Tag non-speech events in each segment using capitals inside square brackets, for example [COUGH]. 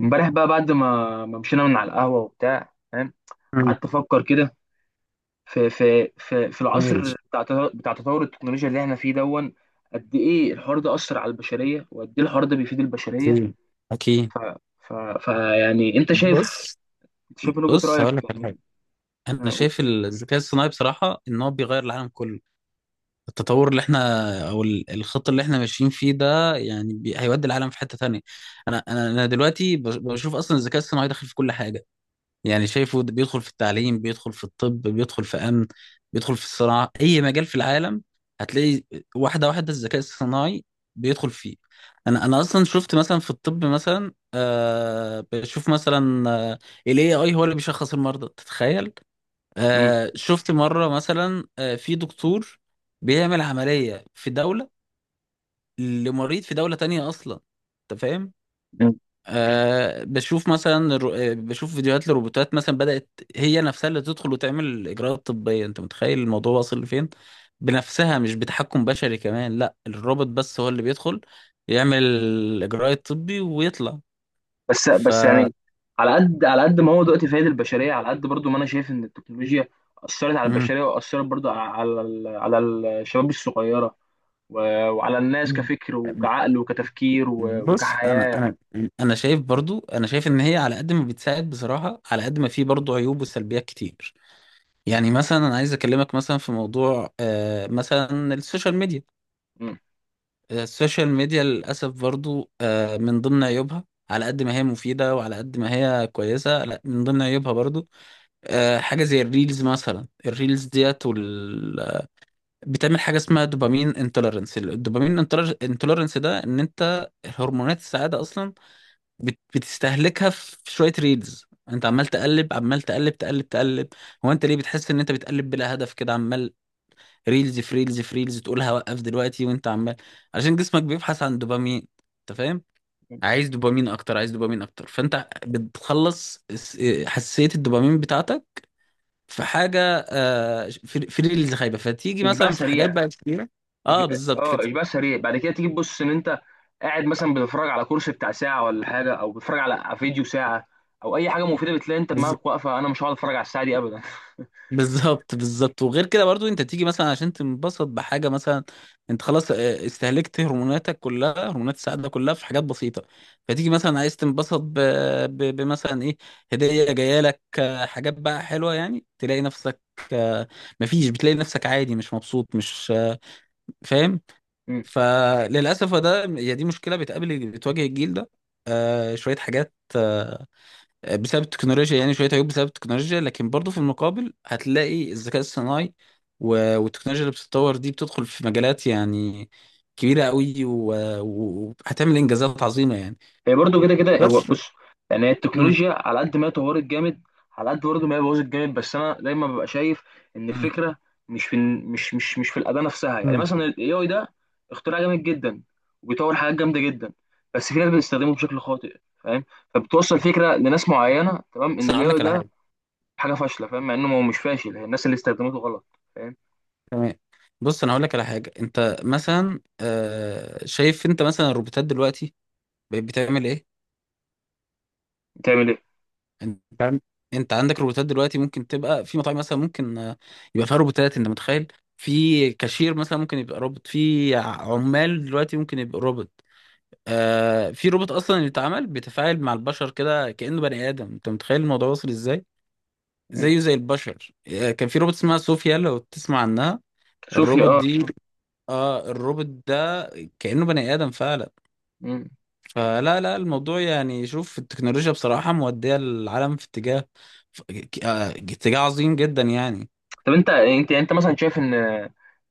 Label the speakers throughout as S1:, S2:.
S1: امبارح بقى، بعد ما مشينا من على القهوة وبتاع، فاهم؟
S2: مم.
S1: قعدت افكر كده، في العصر
S2: ماشي.
S1: بتاع تطور التكنولوجيا اللي احنا فيه دون. قد ايه الحوار ده أثر على البشرية؟ وقد ايه الحوار ده بيفيد البشرية؟
S2: أكيد، أكيد.
S1: ف ف ف يعني انت شايف
S2: بص
S1: انت شايف من وجهة
S2: بص هقول
S1: رأيك
S2: لك على حاجة.
S1: يعني.
S2: أنا
S1: أنا أقول-
S2: شايف الذكاء الصناعي بصراحة إن هو بيغير العالم كله. التطور اللي إحنا أو الخط اللي إحنا ماشيين فيه ده يعني هيودي العالم في حتة تانية. أنا دلوقتي بشوف أصلا الذكاء الصناعي داخل في كل حاجة. يعني شايفه ده بيدخل في التعليم، بيدخل في الطب، بيدخل في أمن، بيدخل في الصناعة، أي مجال في العالم هتلاقي واحدة واحدة الذكاء الصناعي بيدخل فيه. أنا أصلا شفت مثلا في الطب مثلا آه، بشوف مثلا ال AI هو اللي بيشخص المرضى، تتخيل؟
S1: مم.
S2: آه شفت مرة مثلا آه، في دكتور بيعمل عملية في دولة لمريض في دولة تانية أصلا، أنت فاهم.
S1: مم.
S2: أه بشوف مثلا بشوف فيديوهات لروبوتات مثلا بدأت هي نفسها اللي تدخل وتعمل إجراءات طبية، أنت متخيل الموضوع واصل لفين؟ بنفسها مش بتحكم بشري كمان، لا الروبوت بس هو اللي بيدخل يعمل الإجراء الطبي ويطلع.
S1: بس
S2: ف
S1: بس يعني، على قد ما هو دلوقتي فايد البشرية، على قد برضو ما انا شايف ان التكنولوجيا أثرت على
S2: مم.
S1: البشرية، وأثرت برضو على الشباب الصغيرة، و- وعلى الناس كفكر وكعقل وكتفكير و-
S2: بص انا
S1: وكحياة.
S2: انا انا شايف برضو، انا شايف ان هي على قد ما بتساعد بصراحه، على قد ما في برضو عيوب وسلبيات كتير. يعني مثلا انا عايز اكلمك مثلا في موضوع آه، مثلا السوشيال ميديا.
S1: مم.
S2: السوشيال ميديا للأسف برضو آه، من ضمن عيوبها، على قد ما هي مفيدة وعلى قد ما هي كويسة، لا من ضمن عيوبها برضو آه، حاجة زي الريلز مثلا. الريلز ديت بتعمل حاجة اسمها دوبامين انتولرنس. الدوبامين انتولرنس ده ان انت هرمونات السعادة اصلا بتستهلكها في شوية ريلز. انت عمال تقلب، عمال تقلب تقلب تقلب. هو انت ليه بتحس ان انت بتقلب بلا هدف كده، عمال ريلز في ريلز في ريلز، تقولها وقف دلوقتي وانت عمال، عشان جسمك بيبحث عن دوبامين، انت فاهم. عايز دوبامين اكتر، عايز دوبامين اكتر، فانت بتخلص حساسية الدوبامين بتاعتك في حاجة. آه، في في ريلز خايبة فتيجي
S1: إشباع
S2: مثلا في حاجات
S1: سريع.
S2: بقى كتيرة. اه بالظبط.
S1: إشباع سريع، بعد كده تيجي تبص إن أنت قاعد مثلا بتتفرج على كورس بتاع ساعة ولا حاجة، أو بتتفرج على فيديو ساعة أو أي حاجة مفيدة، بتلاقي أنت دماغك واقفة، أنا مش هقعد أتفرج على الساعة دي أبدا.
S2: بالظبط، بالظبط. وغير كده برضو انت تيجي مثلا عشان تنبسط بحاجه مثلا، انت خلاص اه، استهلكت هرموناتك كلها، هرمونات السعاده كلها في حاجات بسيطه. فتيجي مثلا عايز تنبسط بمثلا ايه، هديه جايه لك اه، حاجات بقى حلوه يعني، تلاقي نفسك اه، مفيش، بتلاقي نفسك عادي مش مبسوط، مش اه، فاهم.
S1: [LAUGHS]
S2: فللاسف ده هي دي مشكله بتقابل بتواجه الجيل ده. اه، شويه حاجات بسبب التكنولوجيا، يعني شويه عيوب بسبب التكنولوجيا. لكن برضو في المقابل هتلاقي الذكاء الصناعي والتكنولوجيا اللي بتتطور دي بتدخل في مجالات يعني كبيره قوي وهتعمل انجازات عظيمه يعني.
S1: هي برضه كده كده. هو
S2: بس.
S1: بص، يعني هي
S2: مم.
S1: التكنولوجيا على قد ما هي طورت جامد، على قد برضه ما هي بوظت جامد. بس انا دايما ببقى شايف ان
S2: مم.
S1: الفكره مش في مش في الاداه نفسها. يعني
S2: مم.
S1: مثلا الاي اي ده اختراع جامد جدا، وبيطور حاجات جامده جدا، بس في ناس بتستخدمه بشكل خاطئ، فاهم؟ فبتوصل فكره لناس معينه، تمام،
S2: بس
S1: ان
S2: انا
S1: الاي
S2: هقول
S1: اي
S2: لك على
S1: ده
S2: حاجه.
S1: حاجه فاشله، فاهم؟ مع انه هو مش فاشل، هي الناس اللي استخدمته غلط، فاهم؟
S2: تمام. بص انا هقول لك على حاجه، انت مثلا آه، شايف انت مثلا الروبوتات دلوقتي بقت بتعمل ايه؟
S1: بتعمل ايه؟
S2: انت عن- انت عندك روبوتات دلوقتي ممكن تبقى في مطاعم مثلا، ممكن آه، يبقى فيها روبوتات. انت متخيل في كاشير مثلا ممكن يبقى روبوت في عمال دلوقتي ممكن يبقى روبوت. آه في روبوت اصلا اللي اتعمل بيتفاعل مع البشر كده كأنه بني ادم، انت متخيل الموضوع وصل ازاي،
S1: مم.
S2: زيه زي البشر. آه كان في روبوت اسمها صوفيا لو تسمع عنها،
S1: صوفيا،
S2: الروبوت
S1: اه.
S2: دي، اه الروبوت ده كأنه بني ادم فعلا.
S1: مم.
S2: فلا لا الموضوع يعني، شوف التكنولوجيا بصراحة مودية العالم في اتجاه اتجاه عظيم جدا يعني.
S1: طب انت يعني انت مثلا شايف ان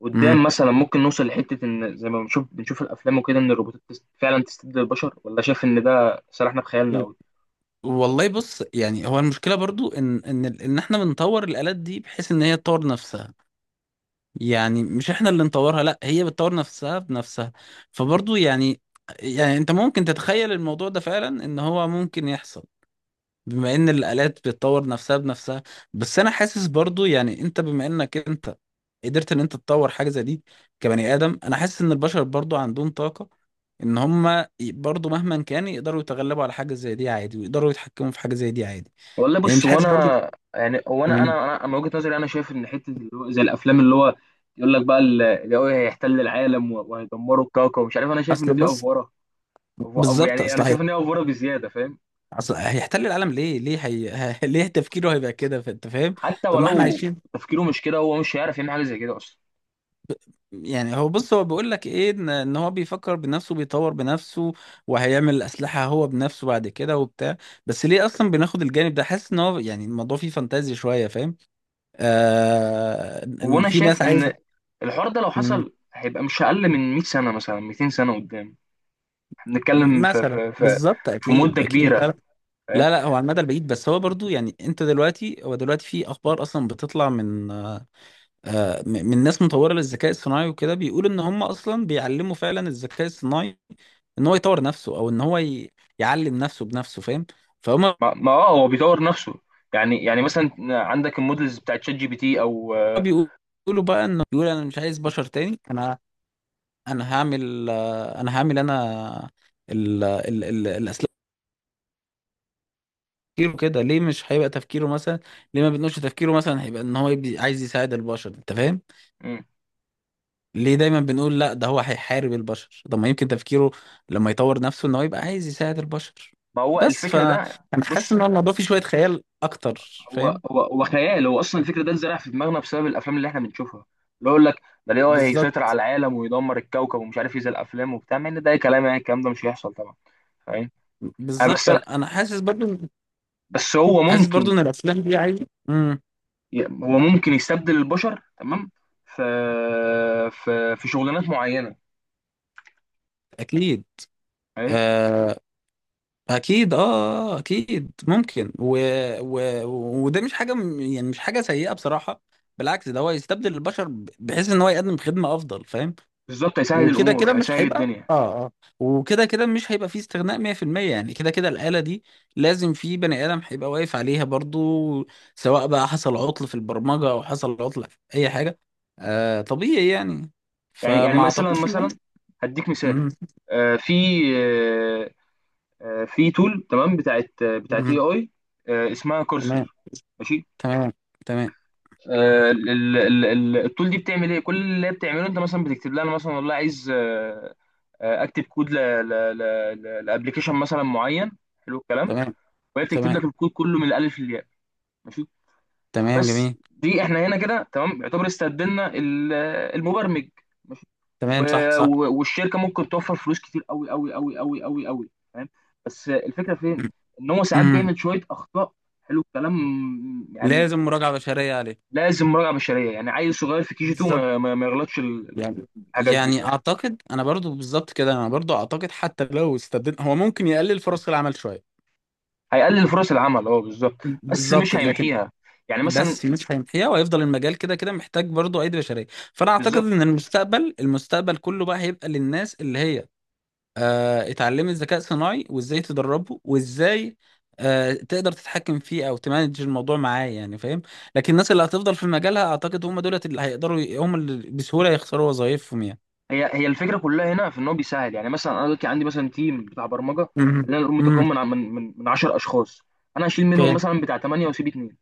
S1: قدام
S2: امم،
S1: مثلا ممكن نوصل لحته، ان زي ما بنشوف الافلام وكده، ان الروبوتات فعلا تستبدل البشر؟ ولا شايف ان ده سرحنا في خيالنا قوي؟
S2: والله بص، يعني هو المشكلة برضو ان ان احنا بنطور الآلات دي بحيث ان هي تطور نفسها. يعني مش احنا اللي نطورها، لا هي بتطور نفسها بنفسها. فبرضو يعني، يعني انت ممكن تتخيل الموضوع ده فعلا ان هو ممكن يحصل بما ان الآلات بتطور نفسها بنفسها. بس انا حاسس برضو يعني انت بما انك انت قدرت ان انت تطور حاجة زي دي كبني آدم، انا حاسس ان البشر برضو عندهم طاقة ان برضو مهما كان يقدروا يتغلبوا على حاجة زي دي عادي، ويقدروا يتحكموا في حاجة زي دي عادي.
S1: والله
S2: يعني مش
S1: بص، هو
S2: حاسس برضو.
S1: انا يعني هو انا
S2: مم.
S1: انا انا من وجهه نظري، انا شايف ان حته اللي هو زي الافلام، اللي هو يقول لك بقى اللي هو هيحتل العالم و- وهيدمروا الكوكب ومش عارف، انا شايف ان
S2: اصل
S1: دي
S2: بص،
S1: افوره.
S2: بالظبط
S1: يعني
S2: اصل
S1: انا
S2: هي،
S1: شايف ان هي افوره بزياده، فاهم؟
S2: اصل هيحتل العالم ليه؟ ليه هي... [LAUGHS] ليه تفكيره هيبقى كده، انت فاهم؟
S1: حتى
S2: طب ما احنا
S1: ولو.
S2: عايشين.
S1: تفكيره مش كده، هو مش هيعرف يعمل حاجه زي كده اصلا.
S2: يعني هو بص، هو بيقول لك ايه، ان إن هو بيفكر بنفسه، بيطور بنفسه، وهيعمل اسلحه هو بنفسه بعد كده وبتاع. بس ليه اصلا بناخد الجانب ده، حاسس ان هو يعني الموضوع فيه فانتازي شويه، فاهم. آه
S1: هو
S2: ان
S1: انا
S2: في ناس
S1: شايف ان
S2: عايزه.
S1: الحوار ده لو
S2: مم.
S1: حصل هيبقى مش اقل من 100 سنه، مثلا 200 سنه قدام. احنا بنتكلم في
S2: مثلا
S1: في في,
S2: بالظبط،
S1: في
S2: اكيد
S1: مده
S2: اكيد، لا
S1: كبيره،
S2: لا،
S1: فاهم؟
S2: لا لا، هو على المدى البعيد. بس هو برضو يعني انت دلوقتي، هو دلوقتي في اخبار اصلا بتطلع من آه، من ناس مطوره للذكاء الصناعي وكده، بيقول ان هم اصلا بيعلموا فعلا الذكاء الصناعي ان هو يطور نفسه، او ان هو يعلم نفسه بنفسه، فاهم. فهم.
S1: ما, ما اه هو بيطور نفسه. يعني مثلا عندك المودلز بتاعت شات جي بي تي او
S2: بيقولوا بقى انه بيقول انا مش عايز بشر تاني، انا انا هعمل آه، انا هعمل انا الاسلاك. تفكيره كده ليه؟ مش هيبقى تفكيره مثلا، ليه ما بنقولش تفكيره مثلا هيبقى ان هو عايز يساعد البشر، انت فاهم؟
S1: مم.
S2: ليه دايما بنقول لا ده هو هيحارب البشر، طب ما يمكن تفكيره لما يطور نفسه ان هو يبقى عايز يساعد البشر.
S1: ما هو
S2: بس
S1: الفكر
S2: فانا
S1: ده،
S2: حاسس
S1: بص،
S2: ان هو الموضوع فيه شوية خيال اكتر،
S1: هو
S2: فاهم.
S1: هو هو خيال. هو اصلا الفكر ده اتزرع في دماغنا بسبب الافلام اللي احنا بنشوفها، اللي هو يقول لك ده ليه هو هيسيطر
S2: بالظبط،
S1: على العالم ويدمر الكوكب ومش عارف ايه، زي الافلام وبتاع، مع ان ده أي كلام. يعني الكلام ده مش هيحصل طبعا، فاهم؟ آه،
S2: بالظبط.
S1: بس
S2: انا
S1: أنا-
S2: أنا حاسس برضو،
S1: بس هو
S2: حاسس برضو
S1: ممكن،
S2: ان الافلام دي عايزه امم.
S1: هو ممكن يستبدل البشر، تمام، في في شغلانات معينه،
S2: اكيد
S1: فاهم؟
S2: آه، اكيد اه، آه، اكيد ممكن و... وده مش حاجه يعني مش حاجه سيئه بصراحه، بالعكس ده هو يستبدل البشر بحيث ان هو يقدم خدمه افضل، فاهم.
S1: بالظبط، هيسهل
S2: وكده كده
S1: الامور،
S2: مش
S1: هيسهل
S2: هيبقى
S1: الدنيا.
S2: اه اه، وكده كده مش هيبقى فيه استغناء 100% يعني. كده كده الآلة دي لازم في بني آدم هيبقى واقف عليها برضو، سواء بقى حصل عطل في البرمجة او حصل عطل في اي حاجة، آه طبيعي يعني.
S1: يعني
S2: فما
S1: مثلا
S2: اعتقدش ان.
S1: مثلا هديك مثال.
S2: مم.
S1: آه، في آه، في تول، تمام، بتاعت بتاعت اي
S2: مم.
S1: اي، اسمها
S2: تمام.
S1: كورسر، ماشي.
S2: تمام. تمام.
S1: آه، ال- التول دي بتعمل ايه؟ كل اللي هي بتعمله، انت مثلا بتكتب لها أنا مثلا والله عايز اكتب كود لابلكيشن مثلا معين، حلو الكلام،
S2: تمام.
S1: وهي بتكتب
S2: تمام.
S1: لك الكود كله من الالف للياء، ماشي.
S2: تمام جميل.
S1: بس دي احنا هنا كده تمام يعتبر استبدلنا المبرمج، ماشي،
S2: تمام صح، صح.
S1: والشركه ممكن توفر فلوس كتير قوي قوي قوي قوي قوي قوي، فاهم؟ بس الفكره فين؟
S2: مم.
S1: ان هو ساعات
S2: مم.
S1: بيعمل شويه اخطاء، حلو الكلام، يعني
S2: لازم مراجعة بشرية عليه.
S1: لازم مراجعه بشريه، يعني عيل صغير في كي جي 2
S2: بالظبط.
S1: ما يغلطش
S2: يعني،
S1: الحاجات دي،
S2: يعني
S1: فاهم؟
S2: اعتقد انا برضو بالظبط كده، انا برضو اعتقد حتى لو استبدلنا هو ممكن يقلل فرص العمل شويه.
S1: هيقلل فرص العمل، اه بالظبط، بس
S2: بالظبط.
S1: مش
S2: لكن
S1: هيمحيها، يعني مثلا.
S2: بس مش هيمحيها وهيفضل المجال كده كده محتاج برضو ايدي بشريه. فانا اعتقد
S1: بالظبط،
S2: ان المستقبل كله بقى هيبقى للناس اللي هي آه اتعلمت ذكاء صناعي وازاي تدربه وازاي آه تقدر تتحكم فيه او تمانج الموضوع معاه يعني، فاهم. لكن الناس اللي هتفضل في مجالها اعتقد هم دولت اللي هيقدروا، هم اللي بسهوله يخسروا وظائفهم يعني.
S1: هي الفكره كلها هنا في ان هو بيساعد. يعني مثلا انا دلوقتي عندي مثلا تيم بتاع برمجه، خلينا نقول
S2: امم.
S1: متكون من 10 اشخاص، انا هشيل منهم مثلا بتاع 8 واسيب 2،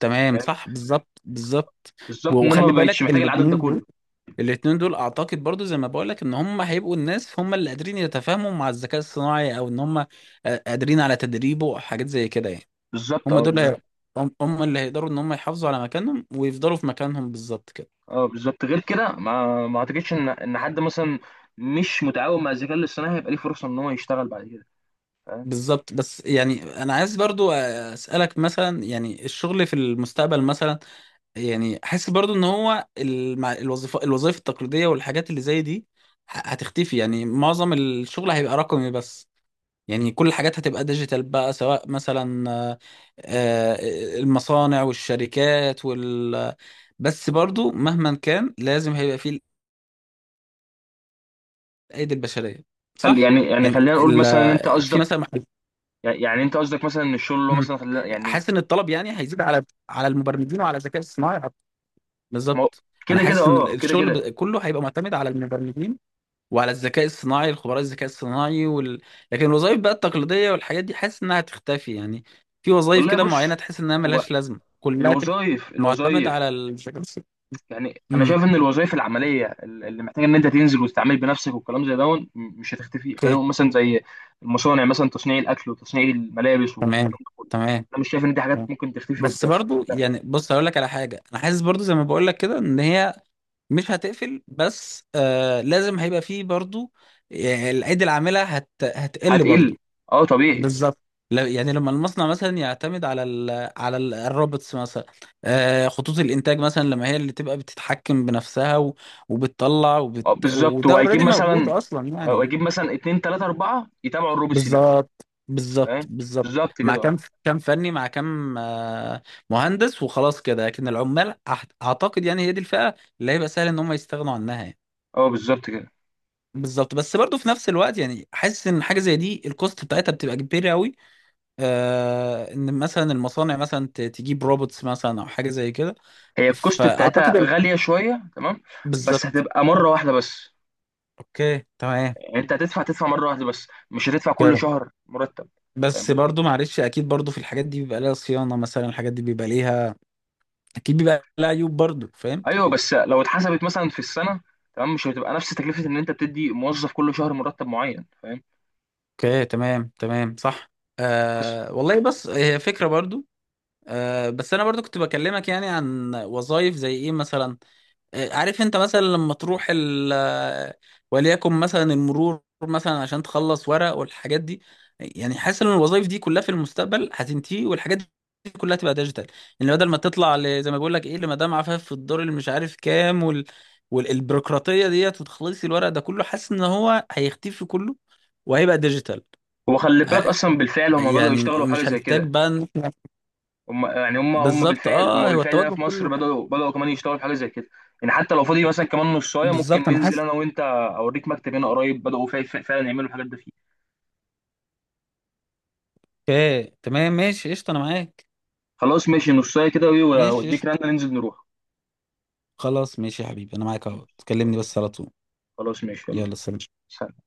S2: تمام
S1: فاهم؟
S2: صح، بالظبط، بالظبط.
S1: بالظبط، ان انا ما
S2: وخلي
S1: بقتش
S2: بالك
S1: محتاج العدد ده
S2: الاثنين دول،
S1: كله،
S2: الاثنين دول اعتقد برضو زي ما بقول لك، ان هم هيبقوا الناس هم اللي قادرين يتفاهموا مع الذكاء الصناعي، او ان هم آه، قادرين على تدريبه، او حاجات زي كده يعني.
S1: بالظبط
S2: هم
S1: اه،
S2: دول
S1: بالظبط
S2: هي... هم هم اللي هيقدروا ان هم يحافظوا على مكانهم ويفضلوا في مكانهم، بالظبط كده.
S1: اه، بالظبط. غير كده ما اعتقدش ان حد مثلا مش متعاون مع الذكاء الاصطناعي هيبقى ليه فرصه ان هو يشتغل بعد كده، فاهم؟
S2: بالظبط. بس يعني انا عايز برضو اسالك مثلا، يعني الشغل في المستقبل مثلا، يعني حاسس برضو ان هو الوظيفه، الوظائف التقليديه والحاجات اللي زي دي هتختفي يعني. معظم الشغل هيبقى رقمي بس، يعني كل الحاجات هتبقى ديجيتال بقى، سواء مثلا آه، آه، المصانع والشركات وال. بس برضو مهما كان لازم هيبقى فيه الايدي البشريه،
S1: خل-
S2: صح.
S1: يعني يعني
S2: يعني
S1: خلينا نقول مثلا إن انت
S2: في
S1: قصدك،
S2: مثلا محل...
S1: يعني انت قصدك مثلا ان الشغل اللي هو
S2: مم.
S1: مثلا خلينا يعني،
S2: حاسس ان الطلب يعني هيزيد على على المبرمجين وعلى الذكاء الصناعي.
S1: ما هو-
S2: بالظبط. انا
S1: كده كده،
S2: حاسس ان
S1: اه، كده
S2: الشغل
S1: كده.
S2: كله هيبقى معتمد على المبرمجين وعلى الذكاء الصناعي، الخبراء الذكاء الصناعي وال... لكن الوظائف بقى التقليدية والحاجات دي حاسس انها هتختفي يعني. في وظائف
S1: والله
S2: كده معينة
S1: بص،
S2: تحس انها
S1: هو
S2: ملهاش لازمة، كلها تبقى
S1: الوظائف
S2: معتمدة على
S1: الوظائف
S2: الذكاء الصناعي.
S1: يعني انا
S2: امم.
S1: شايف ان الوظائف العمليه اللي محتاجه ان انت تنزل وتتعامل بنفسك والكلام زي ده مش هتختفي، خلينا
S2: اوكي،
S1: نقول مثلا زي المصانع مثلا، تصنيع الاكل وتصنيع الملابس
S2: تمام.
S1: والكلام ده كله،
S2: تمام
S1: انا مش شايف ان دي حاجات
S2: تمام.
S1: ممكن تختفي
S2: بس
S1: قدام.
S2: برضو يعني بص هقول لك على حاجة، انا حاسس برضو زي ما بقول لك كده ان هي مش هتقفل، بس آه لازم هيبقى فيه برضو آه، الايدي العاملة هتقل
S1: هتقل،
S2: برضو.
S1: اه طبيعي،
S2: بالظبط. يعني لما المصنع مثلا يعتمد على على الروبوتس مثلا، آه، خطوط الانتاج مثلا لما هي اللي تبقى بتتحكم بنفسها وبتطلع
S1: اه بالظبط،
S2: وده
S1: وهيجيب
S2: اوريدي موجود
S1: مثلا
S2: اصلا
S1: آه،
S2: يعني.
S1: هيجيب مثلا اتنين تلاته اربعه يتابعوا الروبس دي،
S2: بالظبط، بالظبط،
S1: فاهم؟
S2: بالظبط.
S1: بالظبط
S2: مع
S1: كده، اه،
S2: كام، كام فني مع كام آه، مهندس وخلاص كده. لكن العمال اعتقد يعني هي دي الفئة اللي هيبقى سهل ان هم يستغنوا عنها يعني.
S1: اه بالظبط كده،
S2: بالظبط. بس برضه في نفس الوقت يعني حاسس ان حاجه زي دي الكوست بتاعتها بتبقى كبيره قوي، آه، ان مثلا المصانع مثلا تجيب روبوتس مثلا او حاجه زي كده.
S1: هي الكوست بتاعتها
S2: فاعتقد
S1: غاليه شويه، تمام، بس
S2: بالظبط.
S1: هتبقى مره واحده بس.
S2: اوكي تمام.
S1: يعني انت هتدفع مره واحده بس، مش هتدفع كل
S2: اوكي.
S1: شهر مرتب، فاهم
S2: بس
S1: قصدي؟
S2: برضو معلش اكيد برضو في الحاجات دي بيبقى لها صيانه، مثلا الحاجات دي بيبقى ليها اكيد بيبقى لها عيوب برضو، فاهم.
S1: ايوه، بس لو اتحسبت مثلا في السنه، تمام، مش هتبقى نفس تكلفه ان انت بتدي موظف كل شهر مرتب معين، فاهم؟
S2: اوكي تمام، تمام صح.
S1: بس
S2: آه والله بس هي فكره برضو. آه بس انا برضو كنت بكلمك يعني عن وظائف زي ايه مثلا، عارف انت مثلا لما تروح ال، وليكن مثلا المرور مثلا عشان تخلص ورق والحاجات دي. يعني حاسس ان الوظائف دي كلها في المستقبل هتنتهي، والحاجات دي كلها هتبقى ديجيتال. يعني بدل ما تطلع زي ما بقول لك ايه لمدام عفاف في الدور اللي مش عارف كام وال... والبيروقراطيه ديت وتخلصي الورق ده كله، حاسس ان هو هيختفي كله وهيبقى ديجيتال.
S1: هو خلي بالك
S2: ع-
S1: اصلا بالفعل هم بداوا
S2: يعني
S1: يشتغلوا في حاجه
S2: مش
S1: زي
S2: هنحتاج
S1: كده.
S2: بقى ان
S1: يعني هم هم
S2: بالظبط.
S1: بالفعل هم
S2: اه هو
S1: بالفعل هنا
S2: التوجه
S1: في مصر
S2: كله.
S1: بداوا بداوا كمان يشتغلوا في حاجه زي كده. يعني حتى لو فاضي مثلا كمان نصايه ممكن
S2: بالظبط انا
S1: ننزل
S2: حاسس.
S1: انا وانت، اوريك مكتب هنا قريب بداوا فعلا يعملوا الحاجات دي فيه.
S2: اوكي تمام ماشي قشطه انا معاك.
S1: خلاص، ماشي، نصايه كده، وايه؟
S2: ماشي
S1: واديك
S2: قشطه.
S1: رنه ننزل نروح.
S2: خلاص ماشي يا حبيبي انا معاك، اهو تكلمني
S1: خلاص،
S2: بس على طول.
S1: خلاص ماشي، يلا
S2: يلا
S1: بينا.
S2: سلام.
S1: سلام.